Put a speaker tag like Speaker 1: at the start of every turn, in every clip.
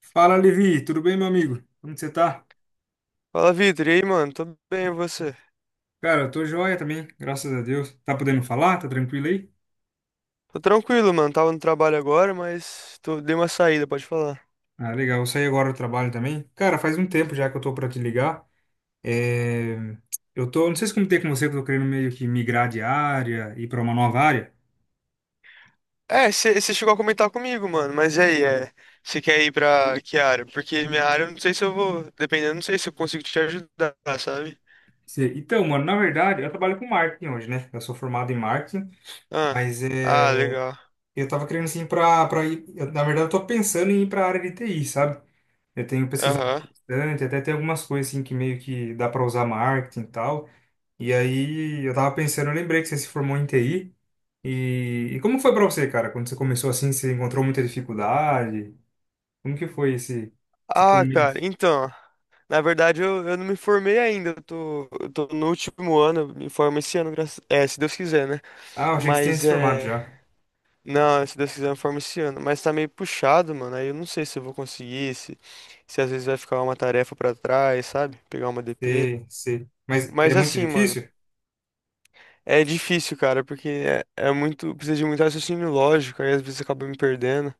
Speaker 1: Fala, Levi, tudo bem, meu amigo? Como que você tá?
Speaker 2: Fala, Vitor. E aí, mano? Tô bem, e você?
Speaker 1: Cara, eu tô joia também, graças a Deus. Tá podendo falar? Tá tranquilo aí?
Speaker 2: Tô tranquilo, mano. Tava no trabalho agora. Dei uma saída, pode falar.
Speaker 1: Ah, legal, eu saí agora do trabalho também. Cara, faz um tempo já que eu tô pra te ligar. É, eu tô, não sei se comentei com você que eu tô querendo meio que migrar de área, ir pra uma nova área.
Speaker 2: É, você chegou a comentar comigo, mano. Mas e aí, você quer ir pra que área? Porque minha área, eu não sei se eu vou. Dependendo, não sei se eu consigo te ajudar, sabe?
Speaker 1: Então, mano, na verdade, eu trabalho com marketing hoje, né? Eu sou formado em marketing,
Speaker 2: Ah,
Speaker 1: mas
Speaker 2: ah, legal.
Speaker 1: eu tava querendo assim pra ir. Eu, na verdade, eu tô pensando em ir pra área de TI, sabe? Eu tenho pesquisado
Speaker 2: Aham.
Speaker 1: bastante, até tem algumas coisas assim que meio que dá para usar marketing e tal. E aí eu tava pensando, eu lembrei que você se formou em TI. E como foi para você, cara? Quando você começou assim, você encontrou muita dificuldade? Como que foi esse
Speaker 2: Ah, cara,
Speaker 1: começo?
Speaker 2: Na verdade, eu não me formei ainda. Eu tô no último ano. Eu Me formo esse ano, É, se Deus quiser, né?
Speaker 1: Ah, eu achei que você tinha
Speaker 2: Mas,
Speaker 1: se formado já.
Speaker 2: não, se Deus quiser, eu formo esse ano. Mas tá meio puxado, mano. Aí eu não sei se eu vou conseguir, se às vezes vai ficar uma tarefa pra trás, sabe? Pegar uma DP.
Speaker 1: Sei, sei. Mas é
Speaker 2: Mas
Speaker 1: muito
Speaker 2: assim, mano,
Speaker 1: difícil?
Speaker 2: é difícil, cara, porque é muito. Precisa de muito raciocínio lógico, aí às vezes acaba me perdendo.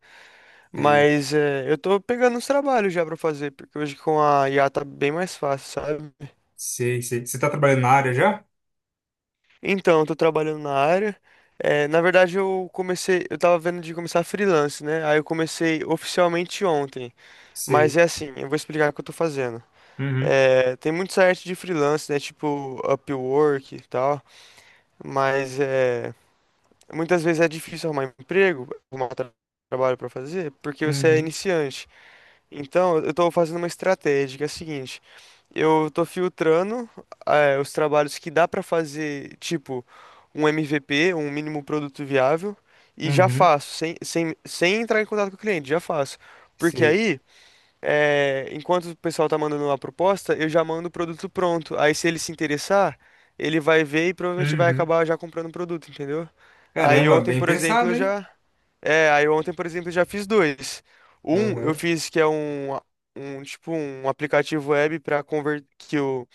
Speaker 1: Sei,
Speaker 2: Mas é, eu tô pegando uns trabalhos já pra fazer, porque hoje com a IA tá bem mais fácil, sabe?
Speaker 1: sei, sei. Você tá trabalhando na área já?
Speaker 2: Então, eu tô trabalhando na área. É, na verdade, eu comecei. Eu tava vendo de começar freelance, né? Aí eu comecei oficialmente ontem. Mas
Speaker 1: Sei.
Speaker 2: é assim, eu vou explicar o que eu tô fazendo.
Speaker 1: Uhum,
Speaker 2: É, tem muito site de freelance, né? Tipo Upwork e tal. Mas é, muitas vezes é difícil arrumar emprego, arrumar trabalho para fazer, porque você é
Speaker 1: uhum,
Speaker 2: iniciante. Então, eu tô fazendo uma estratégia que é a seguinte: eu tô filtrando, os trabalhos que dá para fazer, tipo um MVP, um mínimo produto viável, e já
Speaker 1: uhum.
Speaker 2: faço, sem entrar em contato com o cliente, já faço. Porque
Speaker 1: Sei.
Speaker 2: aí enquanto o pessoal tá mandando uma proposta, eu já mando o produto pronto. Aí se ele se interessar, ele vai ver e provavelmente vai
Speaker 1: Uhum.
Speaker 2: acabar já comprando o produto, entendeu? Aí
Speaker 1: Caramba,
Speaker 2: ontem,
Speaker 1: bem
Speaker 2: por exemplo,
Speaker 1: pensado,
Speaker 2: eu
Speaker 1: hein?
Speaker 2: já. É, aí ontem, por exemplo, eu já fiz dois. Um eu
Speaker 1: Aham.
Speaker 2: fiz que é um, um tipo um aplicativo web para converter que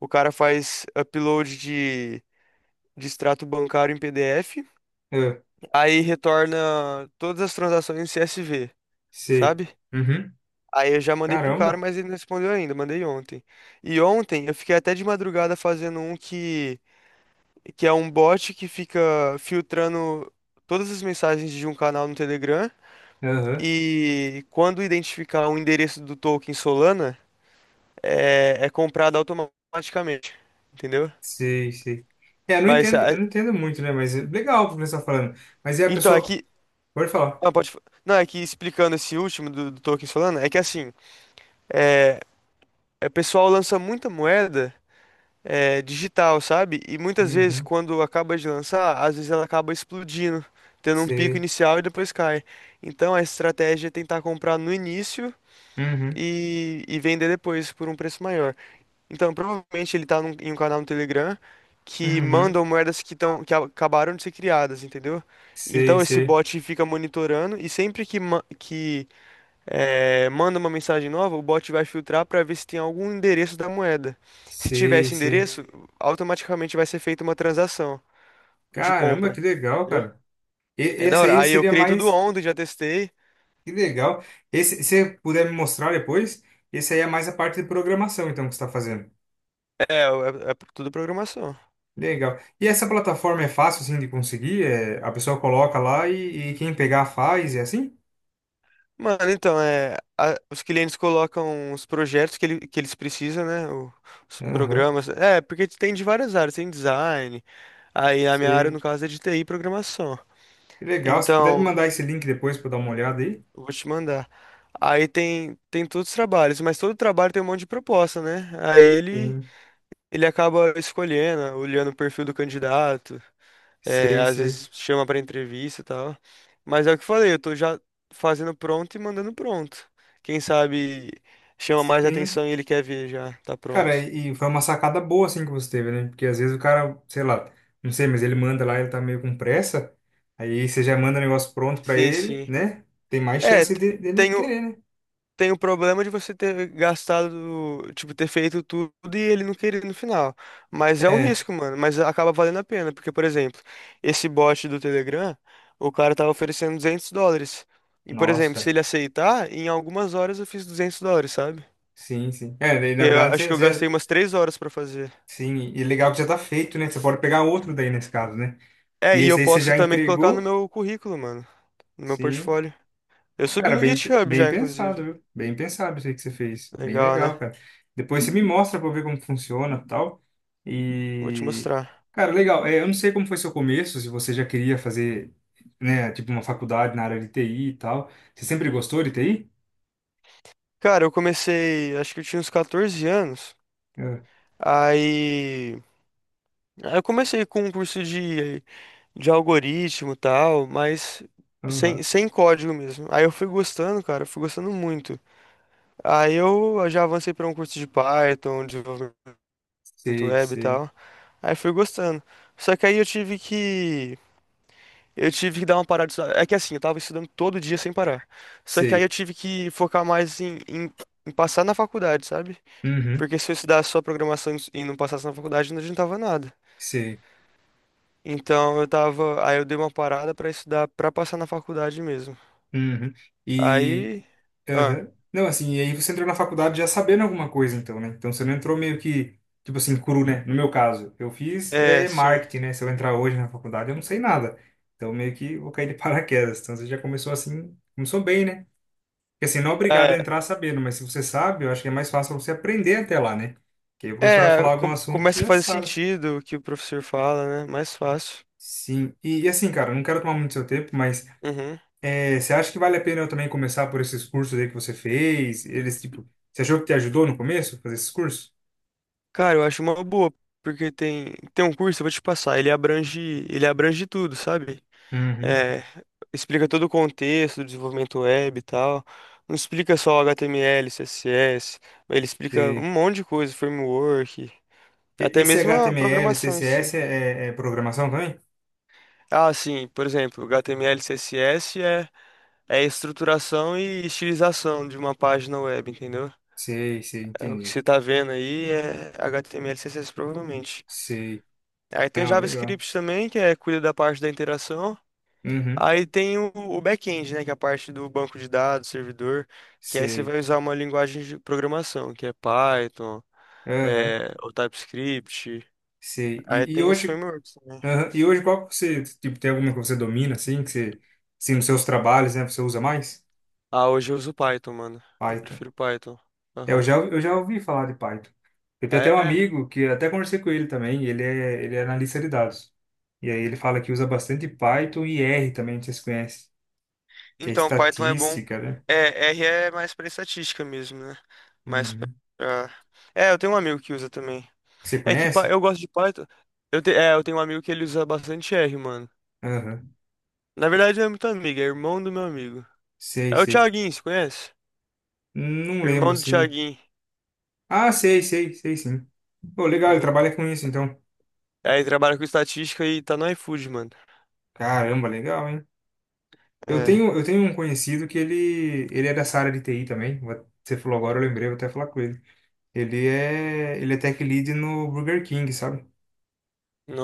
Speaker 2: o cara faz upload de extrato bancário em PDF,
Speaker 1: Ah,
Speaker 2: aí retorna todas as transações em CSV,
Speaker 1: sei.
Speaker 2: sabe?
Speaker 1: Uhum.
Speaker 2: Aí eu já mandei pro cara,
Speaker 1: Caramba.
Speaker 2: mas ele não respondeu ainda, mandei ontem. E ontem eu fiquei até de madrugada fazendo um que é um bot que fica filtrando todas as mensagens de um canal no Telegram
Speaker 1: Aham.
Speaker 2: e quando identificar o endereço do token Solana, é comprado automaticamente, entendeu?
Speaker 1: Sei, sei. É,
Speaker 2: Mas,
Speaker 1: eu não entendo muito, né? Mas é legal o professor falando. Mas é a
Speaker 2: então,
Speaker 1: pessoa. Pode falar.
Speaker 2: ah, não, é que explicando esse último do token Solana, é que assim, é, o pessoal lança muita moeda digital, sabe? E muitas vezes,
Speaker 1: Uhum.
Speaker 2: quando acaba de lançar, às vezes ela acaba explodindo, tendo um pico
Speaker 1: Sei.
Speaker 2: inicial e depois cai. Então a estratégia é tentar comprar no início
Speaker 1: Uhum.
Speaker 2: e vender depois por um preço maior. Então provavelmente ele tá em um canal no Telegram que
Speaker 1: Uhum.
Speaker 2: mandam moedas que acabaram de ser criadas, entendeu?
Speaker 1: Sei,
Speaker 2: Então esse
Speaker 1: sei.
Speaker 2: bot fica monitorando e sempre que, manda uma mensagem nova, o bot vai filtrar para ver se tem algum endereço da moeda. Se tiver
Speaker 1: Sei,
Speaker 2: esse
Speaker 1: sei.
Speaker 2: endereço, automaticamente vai ser feita uma transação de
Speaker 1: Caramba,
Speaker 2: compra.
Speaker 1: que legal,
Speaker 2: Entendeu?
Speaker 1: cara. E
Speaker 2: É da
Speaker 1: essa
Speaker 2: hora.
Speaker 1: aí
Speaker 2: Aí eu
Speaker 1: seria
Speaker 2: criei tudo
Speaker 1: mais.
Speaker 2: ontem, já testei.
Speaker 1: Que legal. Esse, se você puder me mostrar depois, esse aí é mais a parte de programação, então, que você está fazendo.
Speaker 2: É, é, é tudo programação.
Speaker 1: Legal. E essa plataforma é fácil, assim, de conseguir? É, a pessoa coloca lá e quem pegar faz, é assim?
Speaker 2: Mano, então, é, os clientes colocam os projetos que eles precisam, né? Os
Speaker 1: Aham.
Speaker 2: programas. É, porque tem de várias áreas, tem design. Aí a minha área, no
Speaker 1: Sei.
Speaker 2: caso, é de TI e programação.
Speaker 1: Que legal. Se puder me
Speaker 2: Então,
Speaker 1: mandar esse link depois para dar uma olhada aí.
Speaker 2: eu Vou te mandar. Aí tem todos os trabalhos, mas todo trabalho tem um monte de proposta, né? Aí ele,
Speaker 1: Sim,
Speaker 2: ele acaba escolhendo, olhando o perfil do candidato, é,
Speaker 1: sei,
Speaker 2: às
Speaker 1: sei.
Speaker 2: vezes chama para entrevista e tal. Mas é o que eu falei, eu tô já fazendo pronto e mandando pronto. Quem sabe chama mais
Speaker 1: Sim.
Speaker 2: atenção e ele quer ver já, tá
Speaker 1: Cara,
Speaker 2: pronto.
Speaker 1: e foi uma sacada boa assim que você teve, né? Porque às vezes o cara, sei lá, não sei, mas ele manda lá, ele tá meio com pressa. Aí você já manda o negócio pronto pra
Speaker 2: Sim,
Speaker 1: ele,
Speaker 2: sim.
Speaker 1: né? Tem mais
Speaker 2: É,
Speaker 1: chance
Speaker 2: t-
Speaker 1: dele
Speaker 2: tem,
Speaker 1: querer, né?
Speaker 2: tem o problema de você ter gastado, tipo, ter feito tudo e ele não querer no final. Mas é um
Speaker 1: É,
Speaker 2: risco, mano. Mas acaba valendo a pena, porque, por exemplo, esse bot do Telegram, o cara tava oferecendo US$ 200. E, por
Speaker 1: nossa,
Speaker 2: exemplo, se
Speaker 1: cara.
Speaker 2: ele aceitar, em algumas horas eu fiz US$ 200, sabe?
Speaker 1: Sim, sim. É, daí, na
Speaker 2: Eu
Speaker 1: verdade,
Speaker 2: acho que
Speaker 1: você,
Speaker 2: eu
Speaker 1: você
Speaker 2: gastei
Speaker 1: já.
Speaker 2: umas 3 horas pra fazer.
Speaker 1: Sim, e legal que já tá feito, né? Você pode pegar outro daí nesse caso, né?
Speaker 2: É,
Speaker 1: E
Speaker 2: e eu
Speaker 1: esse aí você
Speaker 2: posso
Speaker 1: já
Speaker 2: também colocar no
Speaker 1: entregou.
Speaker 2: meu currículo, mano, no meu
Speaker 1: Sim.
Speaker 2: portfólio. Eu subi
Speaker 1: Cara,
Speaker 2: no
Speaker 1: bem,
Speaker 2: GitHub
Speaker 1: bem
Speaker 2: já,
Speaker 1: pensado,
Speaker 2: inclusive.
Speaker 1: viu? Bem pensado isso aí que você fez. Bem
Speaker 2: Legal,
Speaker 1: legal,
Speaker 2: né?
Speaker 1: cara. Depois você me mostra pra eu ver como funciona e tal.
Speaker 2: Vou te
Speaker 1: E,
Speaker 2: mostrar.
Speaker 1: cara, legal. É, eu não sei como foi seu começo, se você já queria fazer, né, tipo uma faculdade na área de TI e tal. Você sempre gostou de TI?
Speaker 2: Cara, eu comecei, acho que eu tinha uns 14 anos.
Speaker 1: Ah,
Speaker 2: Aí, aí eu comecei com um curso de algoritmo e tal, mas
Speaker 1: aham.
Speaker 2: sem código mesmo. Aí eu fui gostando, cara, eu fui gostando muito. Aí eu já avancei para um curso de Python, um desenvolvimento
Speaker 1: Sei,
Speaker 2: web e
Speaker 1: sei,
Speaker 2: tal. Aí fui gostando. Só que aí eu tive que dar uma parada. De estudar. É que assim, eu tava estudando todo dia sem parar. Só que aí eu
Speaker 1: sei.
Speaker 2: tive que focar mais em passar na faculdade, sabe?
Speaker 1: Uhum,
Speaker 2: Porque se eu estudasse só programação e não passasse na faculdade, não adiantava nada.
Speaker 1: sei.
Speaker 2: Então eu tava, aí eu dei uma parada pra estudar pra passar na faculdade mesmo.
Speaker 1: Uhum. E,
Speaker 2: Aí, ah,
Speaker 1: aham. Não, assim, e aí você entrou na faculdade já sabendo alguma coisa, então, né? Então você não entrou meio que, tipo assim, cru, né? No meu caso, eu fiz
Speaker 2: é,
Speaker 1: é,
Speaker 2: sim.
Speaker 1: marketing, né? Se eu entrar hoje na faculdade, eu não sei nada. Então meio que vou cair de paraquedas. Então você já começou assim, começou bem, né? Porque assim, não é obrigado a
Speaker 2: É,
Speaker 1: entrar sabendo, mas se você sabe, eu acho que é mais fácil você aprender até lá, né? Que aí o professor vai falar algum assunto, você
Speaker 2: começa a
Speaker 1: já
Speaker 2: fazer
Speaker 1: sabe.
Speaker 2: sentido o que o professor fala, né? Mais fácil.
Speaker 1: Sim, e assim, cara, não quero tomar muito seu tempo, mas
Speaker 2: Uhum.
Speaker 1: é, você acha que vale a pena eu também começar por esses cursos aí que você fez? Eles, tipo, você achou que te ajudou no começo a fazer esses cursos?
Speaker 2: Cara, eu acho uma boa, porque tem um curso, eu vou te passar, ele abrange tudo, sabe?
Speaker 1: Uhum.
Speaker 2: É, explica todo o contexto do desenvolvimento web e tal. Não explica só HTML, CSS, ele explica um
Speaker 1: Você-
Speaker 2: monte de coisa, framework, até
Speaker 1: Esse
Speaker 2: mesmo a
Speaker 1: HTML,
Speaker 2: programação em si.
Speaker 1: CSS é programação também?
Speaker 2: Ah, sim, por exemplo, HTML, CSS é estruturação e estilização de uma página web, entendeu?
Speaker 1: Sei, sei,
Speaker 2: É, o que
Speaker 1: entendi.
Speaker 2: você tá vendo aí é HTML, CSS provavelmente.
Speaker 1: Sei.
Speaker 2: Aí tem o
Speaker 1: Não, legal.
Speaker 2: JavaScript também, que é cuida da parte da interação.
Speaker 1: Uhum.
Speaker 2: Aí tem o back-end, né, que é a parte do banco de dados, servidor, que aí você
Speaker 1: Sei.
Speaker 2: vai usar uma linguagem de programação, que é Python,
Speaker 1: Aham.
Speaker 2: é, o TypeScript.
Speaker 1: Sei.
Speaker 2: Aí
Speaker 1: E
Speaker 2: tem os
Speaker 1: hoje,
Speaker 2: frameworks também.
Speaker 1: aham. E hoje qual que você, tipo, tem alguma que você domina, assim, que você, assim, nos seus trabalhos, né, você usa mais?
Speaker 2: Ah, hoje eu uso Python, mano. Eu
Speaker 1: Python.
Speaker 2: prefiro Python.
Speaker 1: É, Eu
Speaker 2: Aham.
Speaker 1: já, eu já ouvi falar de Python. Eu tenho
Speaker 2: Ah,
Speaker 1: até um
Speaker 2: é.
Speaker 1: amigo que até conversei com ele também, ele é analista de dados. E aí ele fala que usa bastante Python e R também, não sei se você conhece, que é
Speaker 2: Então, Python é bom.
Speaker 1: estatística, né?
Speaker 2: É, R é mais pra estatística mesmo, né? Mais pra.
Speaker 1: Uhum.
Speaker 2: É, eu tenho um amigo que usa também.
Speaker 1: Você conhece?
Speaker 2: Eu gosto de Python. É, eu tenho um amigo que ele usa bastante R, mano.
Speaker 1: Aham.
Speaker 2: Na verdade, não é muito amigo, é irmão do meu amigo.
Speaker 1: Sei,
Speaker 2: É o
Speaker 1: sei.
Speaker 2: Thiaguinho, você conhece?
Speaker 1: Não lembro,
Speaker 2: Irmão do
Speaker 1: assim.
Speaker 2: Thiaguinho.
Speaker 1: Ah, sei, sei, sei sim. Pô, legal, ele
Speaker 2: Uhum.
Speaker 1: trabalha com isso, então.
Speaker 2: Aí trabalha com estatística e tá no iFood, mano.
Speaker 1: Caramba, legal, hein? Eu
Speaker 2: É.
Speaker 1: tenho, eu tenho um conhecido que ele é dessa área de TI também. Você falou agora, eu lembrei, vou até falar com ele. Ele é tech lead no Burger King, sabe?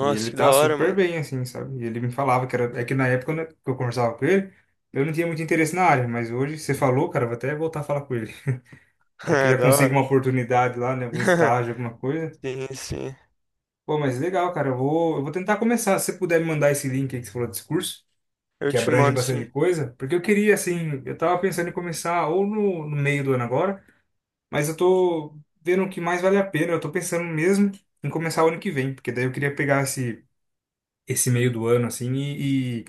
Speaker 1: E ele
Speaker 2: que da
Speaker 1: tá
Speaker 2: hora,
Speaker 1: super
Speaker 2: mano.
Speaker 1: bem, assim, sabe? E ele me falava que era, é que na época né, que eu conversava com ele, eu não tinha muito interesse na área, mas hoje você falou, cara, eu vou até voltar a falar com ele. Vai que
Speaker 2: É,
Speaker 1: já
Speaker 2: da
Speaker 1: consigo
Speaker 2: hora.
Speaker 1: uma oportunidade lá, né? Algum estágio, alguma coisa.
Speaker 2: Sim, sim.
Speaker 1: Pô, mas legal, cara. Eu vou tentar começar. Se você puder me mandar esse link aí que você falou desse curso,
Speaker 2: Eu
Speaker 1: que
Speaker 2: te
Speaker 1: abrange
Speaker 2: mando,
Speaker 1: bastante
Speaker 2: sim.
Speaker 1: coisa, porque eu queria, assim, eu tava pensando em começar ou no meio do ano agora, mas eu tô vendo o que mais vale a pena, eu tô pensando mesmo em começar o ano que vem, porque daí eu queria pegar esse, esse meio do ano, assim, e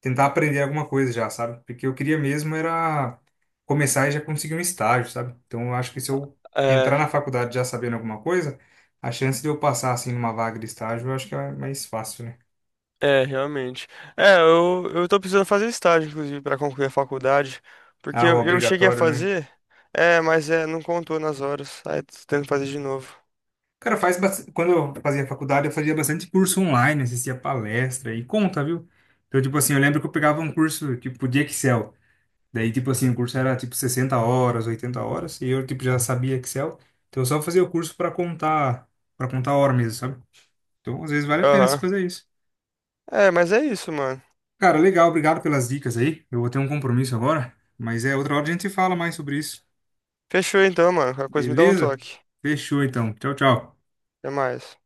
Speaker 1: tentar aprender alguma coisa já, sabe? Porque eu queria mesmo era começar e já conseguir um estágio, sabe? Então eu acho que se eu entrar
Speaker 2: É.
Speaker 1: na faculdade já sabendo alguma coisa, a chance de eu passar, assim, numa vaga de estágio, eu acho que é mais fácil, né?
Speaker 2: É, realmente. É, eu tô precisando fazer estágio, inclusive, para concluir a faculdade, porque
Speaker 1: Ah, o
Speaker 2: eu cheguei a
Speaker 1: obrigatório, né?
Speaker 2: fazer, mas é, não contou nas horas, aí tô tendo que fazer de novo.
Speaker 1: Cara, quando eu fazia faculdade, eu fazia bastante curso online, assistia palestra e conta, viu? Então, tipo assim, eu lembro que eu pegava um curso, tipo, de Excel. Daí, tipo assim, o curso era, tipo, 60 horas, 80 horas, e eu, tipo, já sabia Excel. Então, eu só fazia o curso para contar hora mesmo, sabe? Então, às vezes, vale a pena se
Speaker 2: Aham.
Speaker 1: fazer isso.
Speaker 2: É, mas é isso, mano.
Speaker 1: Cara, legal, obrigado pelas dicas aí. Eu vou ter um compromisso agora, mas é outra hora a gente fala mais sobre isso.
Speaker 2: Fechou então, mano. Qualquer coisa me dá um
Speaker 1: Beleza?
Speaker 2: toque.
Speaker 1: Fechou, então. Tchau, tchau.
Speaker 2: Até mais.